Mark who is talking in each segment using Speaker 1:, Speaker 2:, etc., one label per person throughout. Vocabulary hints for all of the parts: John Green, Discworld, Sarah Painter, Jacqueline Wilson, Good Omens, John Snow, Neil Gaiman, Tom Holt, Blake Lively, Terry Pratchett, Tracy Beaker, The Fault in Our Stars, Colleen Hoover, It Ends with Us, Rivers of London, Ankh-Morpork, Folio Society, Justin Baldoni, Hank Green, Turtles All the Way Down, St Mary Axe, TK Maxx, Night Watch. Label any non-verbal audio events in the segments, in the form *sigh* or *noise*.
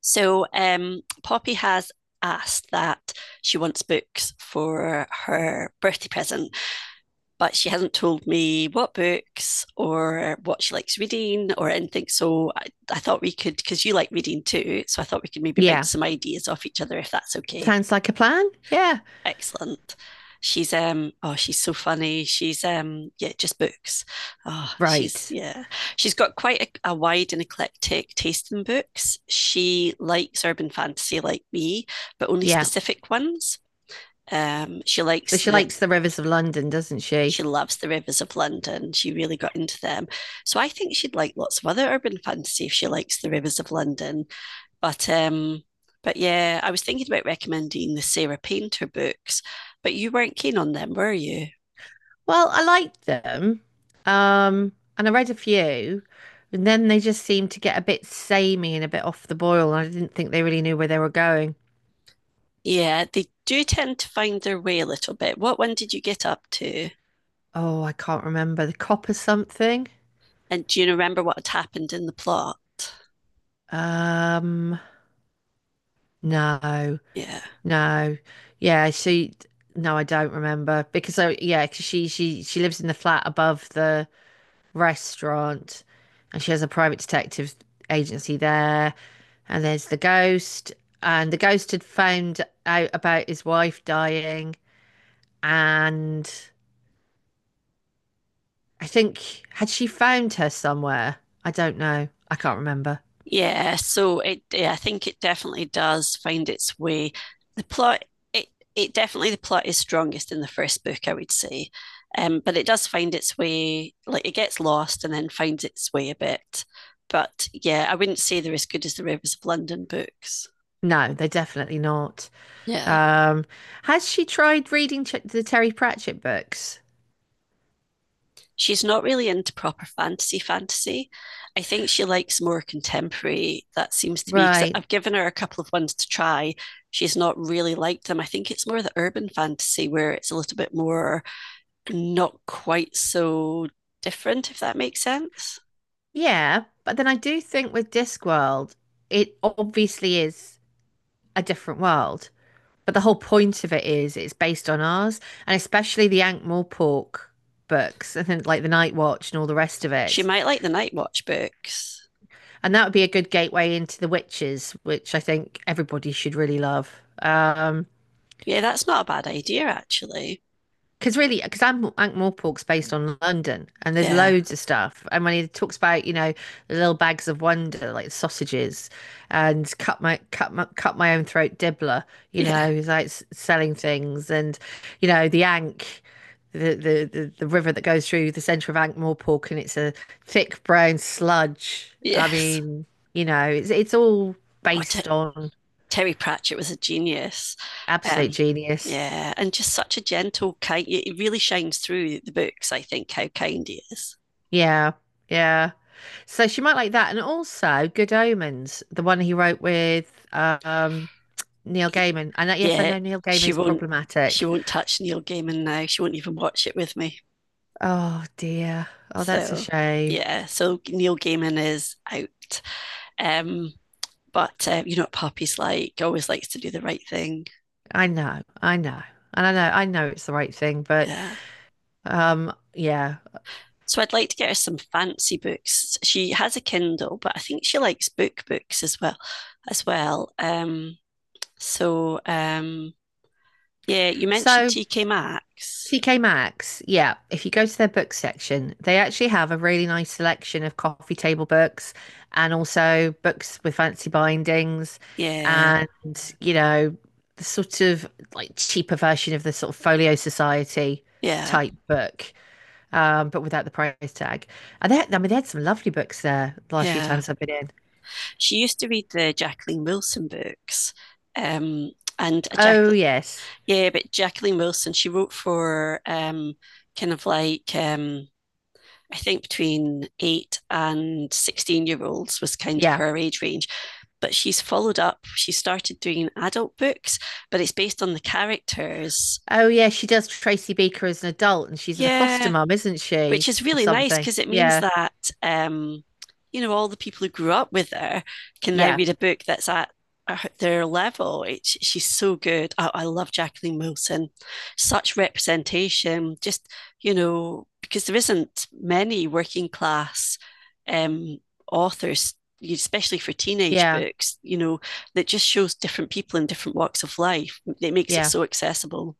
Speaker 1: So Poppy has asked that she wants books for her birthday present, but she hasn't told me what books or what she likes reading or anything. So I thought we could, because you like reading too, so I thought we could maybe bounce
Speaker 2: Yeah.
Speaker 1: some ideas off each other if that's okay.
Speaker 2: Sounds like a plan. Yeah.
Speaker 1: Excellent. She's oh she's so funny. She's yeah just books. Oh she's
Speaker 2: Right.
Speaker 1: yeah she's got quite a wide and eclectic taste in books. She likes urban fantasy like me, but only
Speaker 2: Yeah.
Speaker 1: specific ones. Um, she
Speaker 2: So
Speaker 1: likes
Speaker 2: she
Speaker 1: the
Speaker 2: likes the Rivers of London, doesn't
Speaker 1: she
Speaker 2: she?
Speaker 1: loves the Rivers of London. She really got into them. So I think she'd like lots of other urban fantasy if she likes the Rivers of London. But um, but yeah, I was thinking about recommending the Sarah Painter books, but you weren't keen on them, were you?
Speaker 2: Well, I liked them. Um, and I read a few, and then they just seemed to get a bit samey and a bit off the boil, and I didn't think they really knew where they were going.
Speaker 1: Yeah, they do tend to find their way a little bit. What one did you get up to?
Speaker 2: Oh, I can't remember. The cop or something?
Speaker 1: And do you remember what had happened in the plot?
Speaker 2: Um, no,
Speaker 1: Yeah.
Speaker 2: no. Yeah, she no, I don't remember because I yeah, 'cause she lives in the flat above the restaurant, and she has a private detective agency there. And there's the ghost, and the ghost had found out about his wife dying, and I think had she found her somewhere? I don't know. I can't remember.
Speaker 1: Yeah, so yeah, I think it definitely does find its way. The plot, it it definitely The plot is strongest in the first book, I would say, but it does find its way. Like it gets lost and then finds its way a bit. But yeah, I wouldn't say they're as good as the Rivers of London books.
Speaker 2: No, they're definitely not.
Speaker 1: Yeah.
Speaker 2: Um, has she tried reading the Terry Pratchett books?
Speaker 1: She's not really into proper fantasy fantasy. I think she likes more contemporary. That seems to be because
Speaker 2: Right.
Speaker 1: I've given her a couple of ones to try. She's not really liked them. I think it's more the urban fantasy where it's a little bit more not quite so different, if that makes sense.
Speaker 2: Yeah, but then I do think with Discworld, it obviously is a different world. But the whole point of it is it's based on ours, and especially the Ankh Morpork books, I think, like the Night Watch and all the rest of
Speaker 1: She
Speaker 2: it.
Speaker 1: might like the Night Watch books.
Speaker 2: And that would be a good gateway into the Witches, which I think everybody should really love. Um,
Speaker 1: Yeah, that's not a bad idea, actually.
Speaker 2: because really, because Ankh-Morpork's based on London, and there's
Speaker 1: Yeah,
Speaker 2: loads of stuff. And when he talks about, you know, the little bags of wonder, like sausages, and cut my own throat dibbler,
Speaker 1: *laughs*
Speaker 2: you
Speaker 1: yeah,
Speaker 2: know, he's like selling things, and you know, the Ankh, the river that goes through the centre of Ankh-Morpork, and it's a thick brown sludge. I
Speaker 1: yes.
Speaker 2: mean, you know, it's all
Speaker 1: Oh, I, d-
Speaker 2: based on
Speaker 1: Terry Pratchett was a genius.
Speaker 2: absolute
Speaker 1: Um,
Speaker 2: genius.
Speaker 1: yeah, and just such a gentle, kind. It really shines through the books. I think how kind he is.
Speaker 2: Yeah, yeah. So she might like that. And also Good Omens, the one he wrote with Neil Gaiman. And yes, I
Speaker 1: Yeah,
Speaker 2: know Neil
Speaker 1: she
Speaker 2: Gaiman's
Speaker 1: won't. She
Speaker 2: problematic.
Speaker 1: won't touch Neil Gaiman now. She won't even watch it with me.
Speaker 2: Oh dear. Oh, that's a
Speaker 1: So
Speaker 2: shame.
Speaker 1: yeah, so Neil Gaiman is out. Um, but you know what Poppy's like. Always likes to do the right thing.
Speaker 2: I know, I know. And I know it's the right thing, but
Speaker 1: Yeah.
Speaker 2: yeah.
Speaker 1: So I'd like to get her some fancy books. She has a Kindle, but I think she likes book books as well. So, yeah, you mentioned
Speaker 2: So
Speaker 1: TK Maxx.
Speaker 2: TK Maxx, yeah, if you go to their book section, they actually have a really nice selection of coffee table books and also books with fancy bindings
Speaker 1: Yeah,
Speaker 2: and, you know, the sort of like cheaper version of the sort of Folio Society
Speaker 1: yeah,
Speaker 2: type book, but without the price tag. And I mean, they had some lovely books there the last few
Speaker 1: yeah.
Speaker 2: times I've been in.
Speaker 1: She used to read the Jacqueline Wilson books. Um, and a
Speaker 2: Oh,
Speaker 1: Jacqueline,
Speaker 2: yes.
Speaker 1: yeah, but Jacqueline Wilson, she wrote for kind of like, I think between eight and 16-year-olds was kind of
Speaker 2: Yeah.
Speaker 1: her age range. But she started doing adult books, but it's based on the characters.
Speaker 2: Oh, yeah. She does Tracy Beaker as an adult and she's a foster
Speaker 1: Yeah,
Speaker 2: mum, isn't
Speaker 1: which
Speaker 2: she?
Speaker 1: is
Speaker 2: Or
Speaker 1: really nice
Speaker 2: something.
Speaker 1: because it means
Speaker 2: Yeah.
Speaker 1: that um, you know all the people who grew up with her can now
Speaker 2: Yeah.
Speaker 1: read a book that's at their level. She's so good. I love Jacqueline Wilson. Such representation. Just you know because there isn't many working class um, authors especially for teenage
Speaker 2: Yeah,
Speaker 1: books, you know, that just shows different people in different walks of life. It makes it
Speaker 2: yeah.
Speaker 1: so accessible.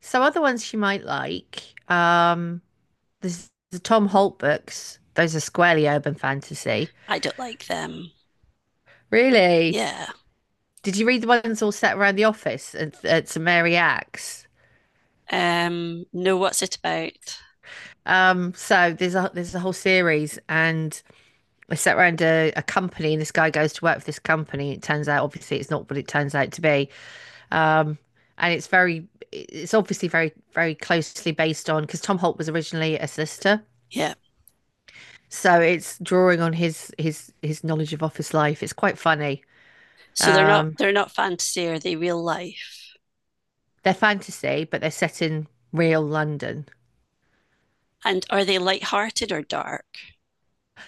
Speaker 2: So other ones she might like, there's the Tom Holt books. Those are squarely urban fantasy.
Speaker 1: I don't like them.
Speaker 2: Really?
Speaker 1: Yeah.
Speaker 2: Did you read the ones all set around the office at St Mary Axe?
Speaker 1: Know what's it about.
Speaker 2: So there's a whole series, and they set around a company, and this guy goes to work for this company. It turns out, obviously, it's not what it turns out to be. Um, and it's very, it's obviously very, very closely based on because Tom Holt was originally a solicitor.
Speaker 1: Yeah.
Speaker 2: So it's drawing on his knowledge of office life. It's quite funny.
Speaker 1: So
Speaker 2: Um,
Speaker 1: they're not fantasy, are they real life?
Speaker 2: they're fantasy, but they're set in real London.
Speaker 1: And are they lighthearted or dark?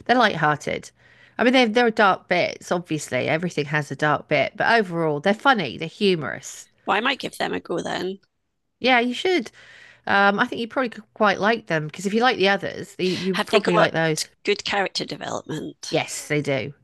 Speaker 2: They're light-hearted. I mean, there are dark bits, obviously. Everything has a dark bit, but overall, they're funny. They're humorous.
Speaker 1: Well, I might give them a go then.
Speaker 2: Yeah, you should. I think you probably could quite like them because if you like the others, you
Speaker 1: Have they
Speaker 2: probably
Speaker 1: got
Speaker 2: like those.
Speaker 1: good character development?
Speaker 2: Yes, they do.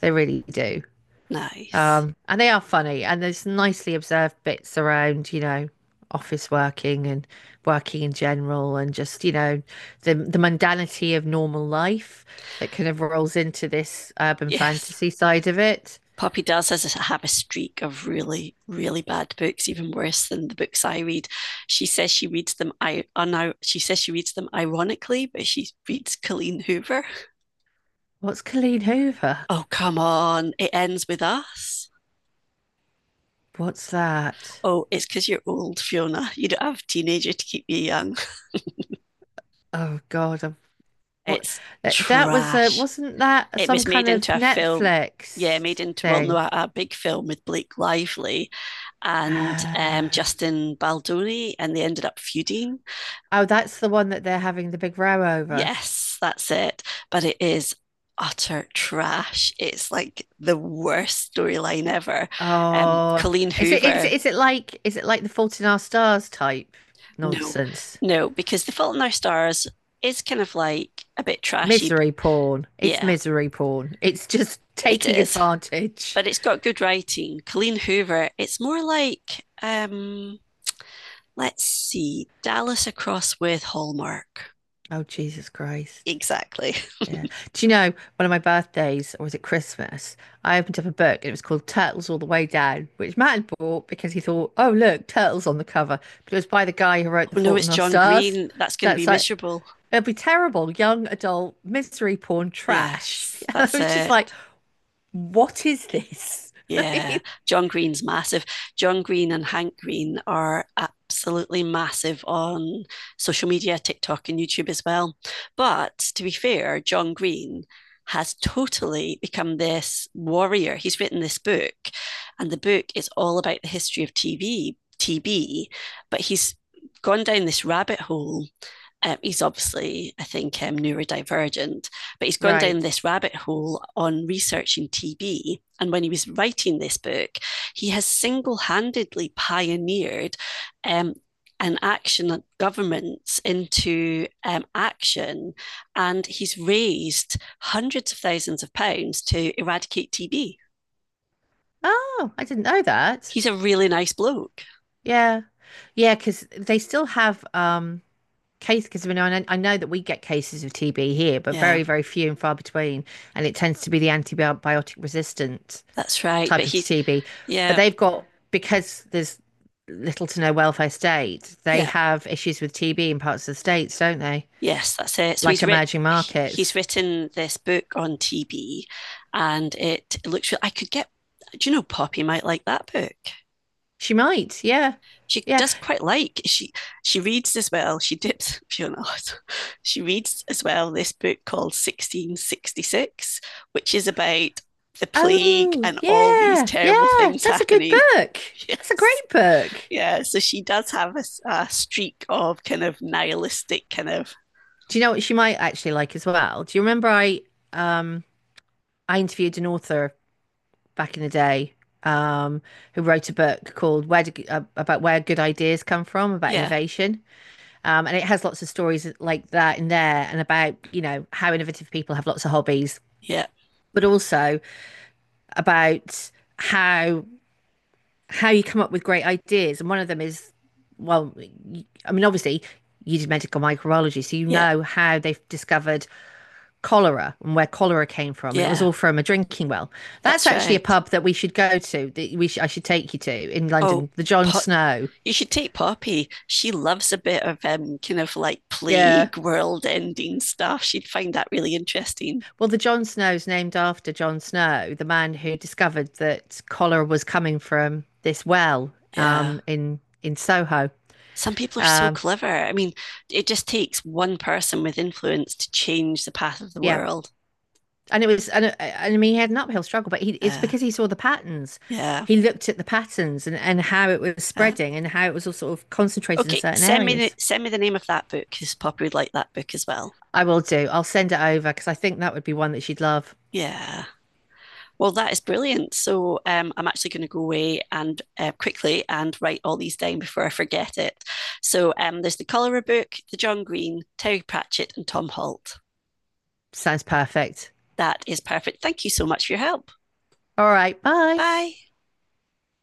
Speaker 2: They really do.
Speaker 1: Nice.
Speaker 2: And they are funny, and there's nicely observed bits around, you know, office working and working in general, and just, you know, the mundanity of normal life that kind of rolls into this urban
Speaker 1: Yes.
Speaker 2: fantasy side of it.
Speaker 1: Poppy have a streak of really, really bad books, even worse than the books I read. She says she reads them. She says she reads them ironically, but she reads Colleen Hoover.
Speaker 2: What's Colleen Hoover?
Speaker 1: Oh come on! It ends with us.
Speaker 2: What's that?
Speaker 1: Oh, it's because you're old, Fiona. You don't have a teenager to keep you young.
Speaker 2: Oh God, I'm- what?
Speaker 1: It's
Speaker 2: That that was a,
Speaker 1: trash.
Speaker 2: wasn't that
Speaker 1: It
Speaker 2: some
Speaker 1: was made
Speaker 2: kind of
Speaker 1: into a film. Yeah, made
Speaker 2: Netflix
Speaker 1: into well, no,
Speaker 2: thing?
Speaker 1: a big film with Blake Lively and
Speaker 2: Uh,
Speaker 1: Justin Baldoni, and they ended up feuding.
Speaker 2: oh, that's the one that they're having the big row over.
Speaker 1: Yes, that's it. But it is utter trash. It's like the worst storyline ever. Um,
Speaker 2: Oh,
Speaker 1: Colleen
Speaker 2: is it is it
Speaker 1: Hoover,
Speaker 2: is it like is it like the Fault in Our Stars type
Speaker 1: no,
Speaker 2: nonsense?
Speaker 1: no, because The Fault in Our Stars is kind of like a bit trashy.
Speaker 2: Misery porn. It's
Speaker 1: Yeah,
Speaker 2: misery porn. It's just *laughs*
Speaker 1: it
Speaker 2: taking
Speaker 1: is,
Speaker 2: advantage.
Speaker 1: but it's got good writing. Colleen Hoover. It's more like, let's see, Dallas across with Hallmark.
Speaker 2: Oh, Jesus Christ.
Speaker 1: Exactly.
Speaker 2: Yeah. Do you know, one of my birthdays, or was it Christmas? I opened up a book and it was called Turtles All the Way Down, which Matt had bought because he thought, oh, look, turtles on the cover. But it was by the guy who wrote The
Speaker 1: Oh no,
Speaker 2: Fault
Speaker 1: it's
Speaker 2: in Our
Speaker 1: John
Speaker 2: Stars.
Speaker 1: Green. That's going to
Speaker 2: That's
Speaker 1: be
Speaker 2: like,
Speaker 1: miserable.
Speaker 2: it'll be terrible, young adult misery porn trash.
Speaker 1: Yes,
Speaker 2: *laughs* I
Speaker 1: that's
Speaker 2: was just like,
Speaker 1: it.
Speaker 2: what is this? *laughs*
Speaker 1: Yeah, John Green's massive. John Green and Hank Green are absolutely massive on social media, TikTok, and YouTube as well. But to be fair, John Green has totally become this warrior. He's written this book, and the book is all about the history of TB, but he's gone down this rabbit hole he's obviously, I think, neurodivergent, but he's gone down
Speaker 2: Right.
Speaker 1: this rabbit hole on researching TB. And when he was writing this book, he has single handedly pioneered um, an action at governments into action. And he's raised hundreds of thousands of pounds to eradicate TB.
Speaker 2: Oh, I didn't know that.
Speaker 1: He's a really nice bloke.
Speaker 2: Yeah. Yeah, because they still have case because I know that we get cases of TB here, but
Speaker 1: Yeah,
Speaker 2: very, very few and far between. And it tends to be the antibiotic resistant
Speaker 1: that's right. But
Speaker 2: type of
Speaker 1: he's,
Speaker 2: TB. But
Speaker 1: yeah,
Speaker 2: they've got because there's little to no welfare state, they
Speaker 1: yeah.
Speaker 2: have issues with TB in parts of the states, don't they?
Speaker 1: Yes, that's it.
Speaker 2: Like emerging
Speaker 1: He's
Speaker 2: markets.
Speaker 1: written this book on TB, and it looks. I could get. Do you know Poppy might like that book.
Speaker 2: She might, yeah.
Speaker 1: She
Speaker 2: Yeah.
Speaker 1: does quite like she reads as well. She dips. *laughs* She reads as well this book called 1666, which is about the plague
Speaker 2: Oh,
Speaker 1: and all these
Speaker 2: yeah,
Speaker 1: terrible
Speaker 2: yeah.
Speaker 1: things
Speaker 2: That's a good
Speaker 1: happening. *laughs*
Speaker 2: book. That's a
Speaker 1: Yes,
Speaker 2: great book.
Speaker 1: yeah. So she does have a streak of kind of nihilistic kind of
Speaker 2: Do you know what she might actually like as well? Do you remember um I interviewed an author back in the day um who wrote a book called about where good ideas come from about
Speaker 1: Yeah,
Speaker 2: innovation. And it has lots of stories like that in there and about, you know, how innovative people have lots of hobbies,
Speaker 1: yeah,
Speaker 2: but also about how how you come up with great ideas. And one of them is, well, I mean, obviously, you did medical microbiology, so you
Speaker 1: yeah,
Speaker 2: know how they've discovered cholera and where cholera came from, and it was
Speaker 1: yeah.
Speaker 2: all from a drinking well. That's
Speaker 1: That's
Speaker 2: actually a
Speaker 1: right.
Speaker 2: pub that we should go to. I should take you to in
Speaker 1: Oh,
Speaker 2: London, the John
Speaker 1: Pop,
Speaker 2: Snow.
Speaker 1: you should take Poppy. She loves a bit of kind of like
Speaker 2: Yeah,
Speaker 1: plague, world-ending stuff. She'd find that really interesting.
Speaker 2: well, the John Snow's named after John Snow, the man who discovered that cholera was coming from this well
Speaker 1: Yeah.
Speaker 2: in Soho.
Speaker 1: Some people are so
Speaker 2: Um,
Speaker 1: clever. I mean, it just takes one person with influence to change the path of the
Speaker 2: yeah,
Speaker 1: world.
Speaker 2: and it was and I mean he had an uphill struggle, but he, it's
Speaker 1: Uh,
Speaker 2: because he saw the patterns.
Speaker 1: yeah.
Speaker 2: He looked at the patterns and how it was
Speaker 1: Uh,
Speaker 2: spreading and how it was all sort of concentrated in
Speaker 1: okay,
Speaker 2: certain areas.
Speaker 1: send me the name of that book because Poppy would like that book as well.
Speaker 2: I will do. I'll send it over because I think that would be one that she'd love.
Speaker 1: Yeah. Well, that is brilliant. So I'm actually going to go away and quickly and write all these down before I forget it. So there's the Cholera book, the John Green, Terry Pratchett, and Tom Holt.
Speaker 2: Sounds perfect.
Speaker 1: That is perfect. Thank you so much for your help.
Speaker 2: All right, bye.
Speaker 1: Bye.